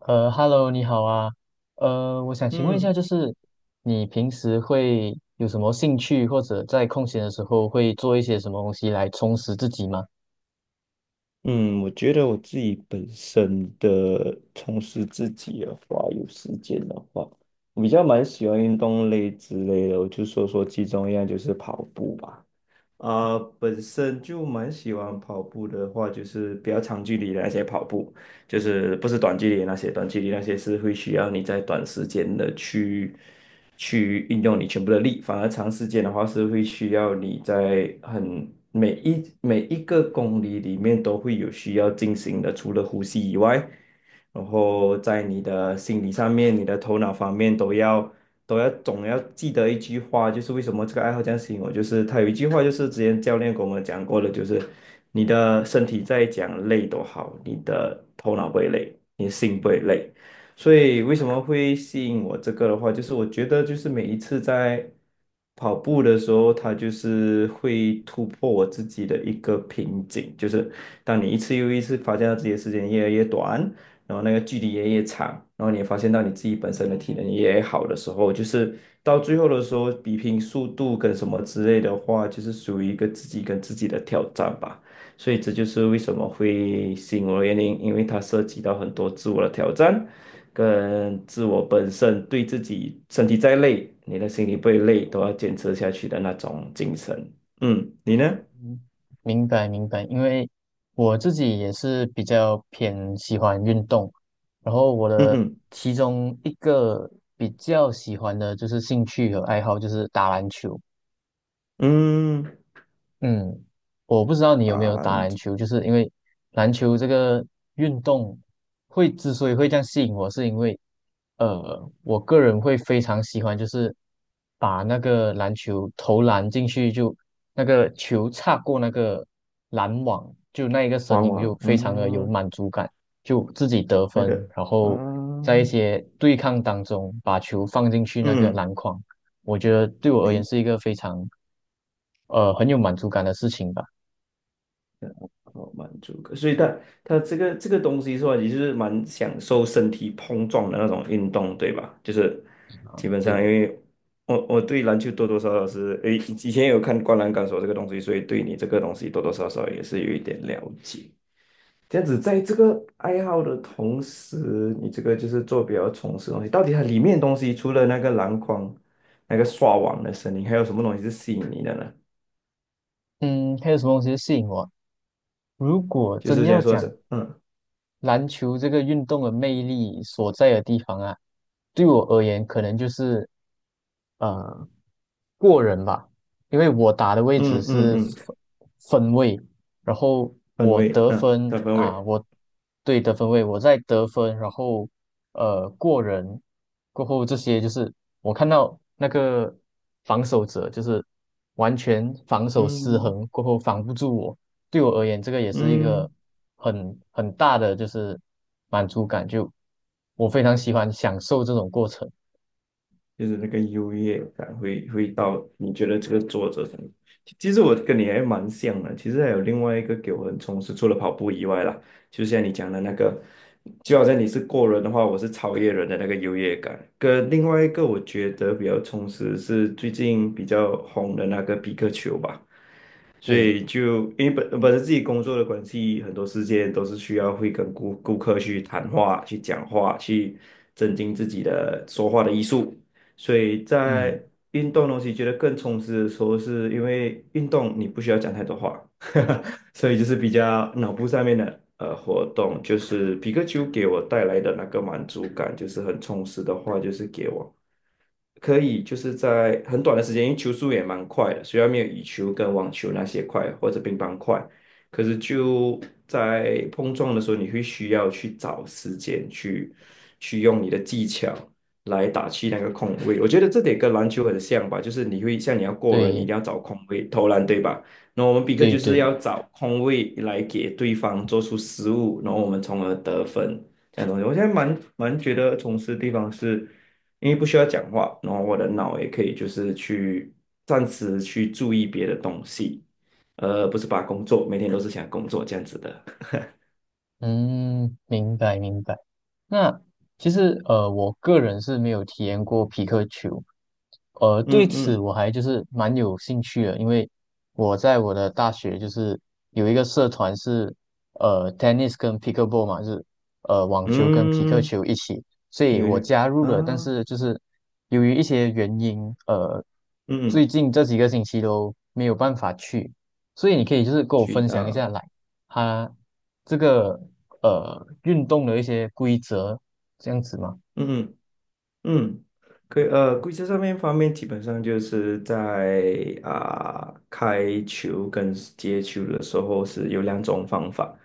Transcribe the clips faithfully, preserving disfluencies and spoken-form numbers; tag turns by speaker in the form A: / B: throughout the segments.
A: 呃，Hello，你好啊。呃，我想请问一下，
B: 嗯
A: 就是你平时会有什么兴趣，或者在空闲的时候会做一些什么东西来充实自己吗？
B: 嗯，我觉得我自己本身的从事自己的话，有时间的话，我比较蛮喜欢运动类之类的，我就说说其中一样就是跑步吧。啊、本身就蛮喜欢跑步的话，就是比较长距离的那些跑步，就是不是短距离的那些，短距离那些是会需要你在短时间的去去运用你全部的力，反而长时间的话是会需要你在很每一每一个公里里面都会有需要进行的，除了呼吸以外，然后在你的心理上面、你的头脑方面都要。都要总要记得一句话，就是为什么这个爱好这样吸引我，就是他有一句话，就是之前教练跟我们讲过的，就是你的身体再讲累都好，你的头脑不会累，你的心不会累。所以为什么会吸引我这个的话，就是我觉得就是每一次在跑步的时候，它就是会突破我自己的一个瓶颈，就是当你一次又一次发现到自己的时间越来越短，然后那个距离也越长，然后你也发现到你自己本身的体能也好的时候，就是到最后的时候，比拼速度跟什么之类的话，就是属于一个自己跟自己的挑战吧。所以这就是为什么会吸引我的原因，因为它涉及到很多自我的挑战，跟自我本身对自己身体再累，你的心里不会累，都要坚持下去的那种精神。嗯，你呢？
A: 嗯，明白明白，因为我自己也是比较偏喜欢运动，然后我
B: 嗯
A: 的
B: 嗯
A: 其中一个比较喜欢的就是兴趣和爱好就是打篮球。
B: 嗯，
A: 嗯，我不知道你有没
B: 打
A: 有打
B: 篮
A: 篮
B: 球
A: 球，就是因为篮球这个运动会之所以会这样吸引我，是因为呃，我个人会非常喜欢，就是把那个篮球投篮进去就，那个球擦过那个篮网，就那一个声
B: 往
A: 音
B: 往
A: 就非常的有
B: 嗯。
A: 满足感，就自己得
B: 那
A: 分，
B: 个
A: 然
B: 啊，
A: 后在一些对抗当中把球放进去那个
B: 嗯，
A: 篮筐，我觉得对我而言
B: 没
A: 是一个非常呃很有满足感的事情吧。
B: 好满足感，所以他他这个这个东西说来，也就是蛮享受身体碰撞的那种运动，对吧？就是基本上，
A: 对，
B: 因为我我对篮球多多少少是诶，以前有看《灌篮高手》这个东西，所以对你这个东西多多少少也是有一点了解。这样子，在这个爱好的同时，你这个就是做比较从事的东西，到底它里面的东西除了那个篮筐、那个刷网的声音，还有什么东西是吸引你的呢？
A: 嗯，还有什么东西吸引我？如果
B: 就
A: 真
B: 是解
A: 要
B: 说
A: 讲
B: 者，嗯
A: 篮球这个运动的魅力所在的地方啊，对我而言可能就是呃过人吧，因为我打的位置
B: 嗯嗯
A: 是
B: 嗯，
A: 分分位，然后
B: 氛
A: 我
B: 围，
A: 得
B: 嗯
A: 分
B: 的氛
A: 啊，
B: 围，
A: 我对得分位，我在得分，然后呃过人过后这些就是我看到那个防守者就是完全防守失
B: 嗯
A: 衡过后防不住我。对我而言，这个也是一个
B: 嗯，
A: 很很大的就是满足感，就我非常喜欢享受这种过程。
B: 就是那个优越感会会到你觉得这个作者很，其实我跟你还蛮像的，其实还有另外一个给我很充实，除了跑步以外啦，就像你讲的那个，就好像你是过人的话，我是超越人的那个优越感，跟另外一个我觉得比较充实是最近比较红的那个比克球吧。所
A: 对，
B: 以就因为本本身自己工作的关系，很多事件都是需要会跟顾顾客去谈话、去讲话、去增进自己的说话的艺术。所以在
A: 嗯，
B: 运动东西觉得更充实的时候，是因为运动你不需要讲太多话，所以就是比较脑部上面的呃活动，就是皮克丘给我带来的那个满足感，就是很充实的话，就是给我。可以就是在很短的时间，因为球速也蛮快的，虽然没有羽球跟网球那些快或者乒乓快，可是就在碰撞的时候，你会需要去找时间去去用你的技巧来打去那个空位。我觉得这点跟篮球很像吧，就是你会像你要过人，你一
A: 对，
B: 定要找空位投篮，对吧？那我们比克
A: 对，
B: 就是
A: 对，
B: 要找空位来给对方做出失误，然后我们从而得分。这样的东西，我现在蛮蛮觉得从事的地方是，因为不需要讲话，然后我的脑也可以就是去暂时去注意别的东西，呃，不是把工作每天都是想工作这样子的。
A: 嗯，明白，明白。那其实呃，我个人是没有体验过皮克球，呃，对
B: 嗯
A: 此
B: 嗯
A: 我还就是蛮有兴趣的，因为我在我的大学就是有一个社团是呃 tennis 跟 pickleball 嘛，就是呃网球跟皮克
B: 嗯，
A: 球一起，所
B: 皮
A: 以
B: 尤
A: 我
B: 去
A: 加入了，但
B: 啊，
A: 是就是由于一些原因，呃，最
B: 嗯，
A: 近这几个星期都没有办法去，所以你可以就是跟我
B: 渠
A: 分享一
B: 道，
A: 下来，它这个呃运动的一些规则这样子嘛？
B: 嗯嗯嗯，可以呃，规则上面方面基本上就是在啊、开球跟接球的时候是有两种方法。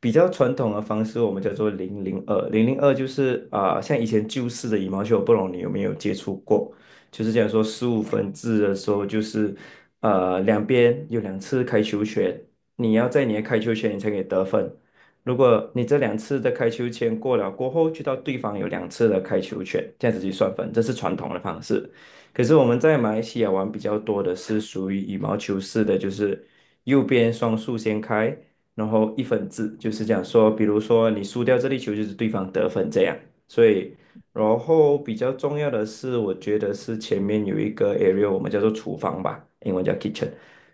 B: 比较传统的方式，我们叫做零零二。零零二就是啊、像以前旧式的羽毛球，我不懂你有没有接触过？就是讲说十五分制的时候，就是呃两边有两次开球权，你要在你的开球权你才可以得分。如果你这两次的开球权过了过后，就到对方有两次的开球权，这样子去算分，这是传统的方式。可是我们在马来西亚玩比较多的是属于羽毛球式的，就是右边双数先开，然后一分制，就是讲说，比如说你输掉这粒球，就是对方得分这样。所以，然后比较重要的是，我觉得是前面有一个 area,我们叫做厨房吧，英文叫 kitchen。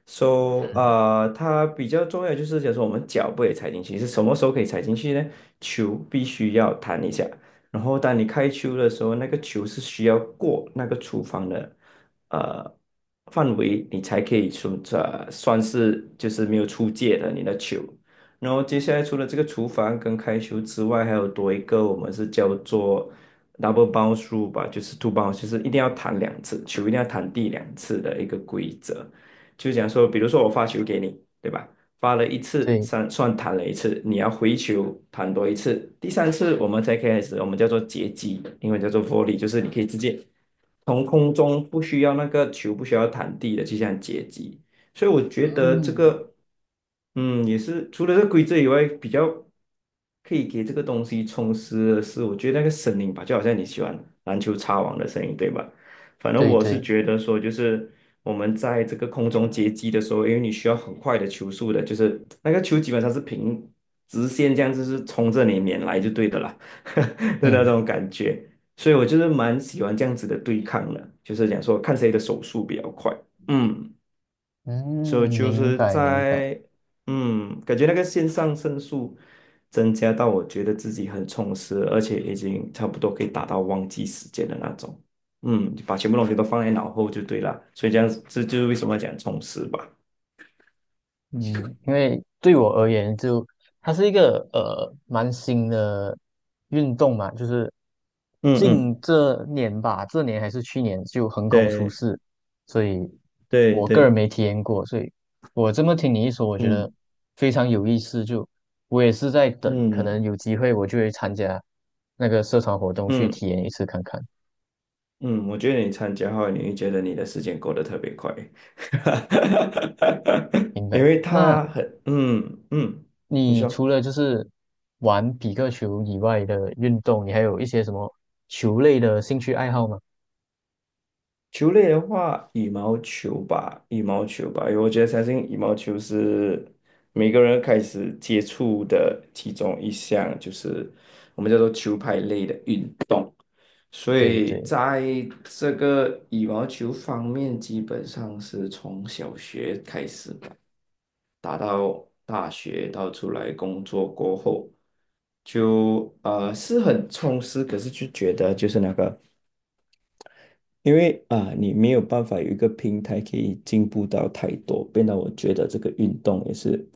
B: So,呃，它比较重要就是，假说我们脚不可以踩进去，是什么时候可以踩进去呢？球必须要弹一下，然后当你开球的时候，那个球是需要过那个厨房的呃范围，你才可以算呃算是就是没有出界的你的球。然后接下来除了这个厨房跟开球之外，还有多一个我们是叫做 double bounce rule 吧，就是 two bounce,就是一定要弹两次，球一定要弹地两次的一个规则。就讲说，比如说我发球给你，对吧？发了一次，
A: 对
B: 算算弹了一次，你要回球弹多一次，第三次我们才开始，我们叫做截击，英文叫做 volley,就是你可以直接从空中不需要那个球不需要弹地的去这样截击，所以我觉得这
A: 嗯，
B: 个，嗯，也是除了这个规则以外，比较可以给这个东西充实的是，我觉得那个声音吧，就好像你喜欢篮球擦网的声音，对吧？反正
A: 对
B: 我是
A: 对，
B: 觉得说，就是我们在这个空中接机的时候，因为你需要很快的球速的，就是那个球基本上是平直线这样，就是冲着你面来就对的啦 的那
A: 嗯。
B: 种感觉。所以我就是蛮喜欢这样子的对抗的，就是讲说看谁的手速比较快。嗯。所以
A: 嗯，
B: 就
A: 明
B: 是
A: 白明白，
B: 在嗯，感觉那个线上胜诉增加到我觉得自己很充实，而且已经差不多可以达到忘记时间的那种。嗯，把全部东西都放在脑后就对了，所以这样子这就是为什么要讲充实吧。
A: 嗯，因为对我而言就，它是一个呃蛮新的运动嘛，就是
B: 嗯嗯，
A: 近这年吧，这年还是去年就横空出
B: 对
A: 世，所以
B: 对
A: 我个人
B: 对，
A: 没体验过，所以我这么听你一说，我觉得
B: 嗯
A: 非常有意思，就我也是在等，可
B: 嗯
A: 能有机会我就会参加那个社团活动去
B: 嗯
A: 体验一次看看。
B: 嗯，我觉得你参加后，你会觉得你的时间过得特别快，
A: 明
B: 因
A: 白。
B: 为
A: 那
B: 他很嗯嗯，你
A: 你
B: 说。
A: 除了就是玩比克球以外的运动，你还有一些什么球类的兴趣爱好吗？
B: 球类的话，羽毛球吧，羽毛球吧，因为我觉得相信羽毛球是每个人开始接触的其中一项，就是我们叫做球拍类的运。动。所
A: 对
B: 以
A: 对，
B: 在这个羽毛球方面，基本上是从小学开始吧，打到大学，到出来工作过后，就呃是很充实，可是就觉得就是那个。因为啊，你没有办法有一个平台可以进步到太多，变得我觉得这个运动也是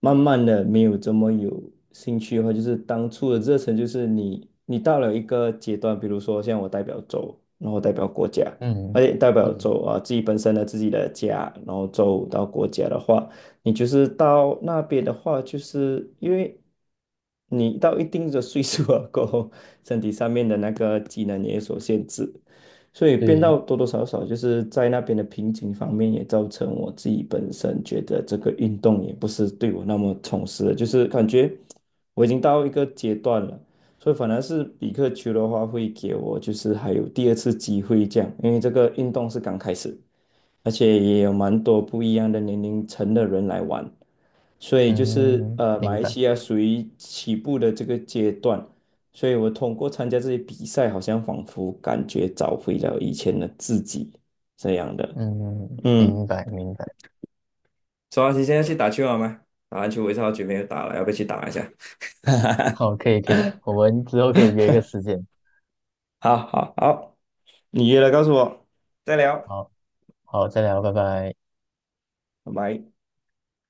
B: 慢慢的没有这么有兴趣的话，就是当初的热忱，就是你你到了一个阶段，比如说像我代表州，然后代表国家，
A: 嗯
B: 而且代表
A: 嗯，
B: 州啊自己本身的自己的家，然后州到国家的话，你就是到那边的话，就是因为你到一定的岁数了过后，身体上面的那个技能也有所限制。所以变
A: 对，
B: 到多多少少就是在那边的瓶颈方面，也造成我自己本身觉得这个运动也不是对我那么充实的，就是感觉我已经到一个阶段了，所以反而是比克球的话会给我就是还有第二次机会这样，因为这个运动是刚开始，而且也有蛮多不一样的年龄层的人来玩，所以就是
A: 嗯，
B: 呃，马
A: 明
B: 来
A: 白，
B: 西亚属于起步的这个阶段，所以我通过参加这些比赛，好像仿佛感觉找回了以前的自己这样的。
A: 嗯，
B: 嗯，
A: 明白明白。
B: 周老师现在去打球好吗？打篮球我一直好久没有打了，要不要去打一下？
A: 好，可以可以，我们之后可以约一个时间。
B: 好好好，你约了告诉我，再聊，
A: 好好，再聊，拜拜。
B: 拜拜。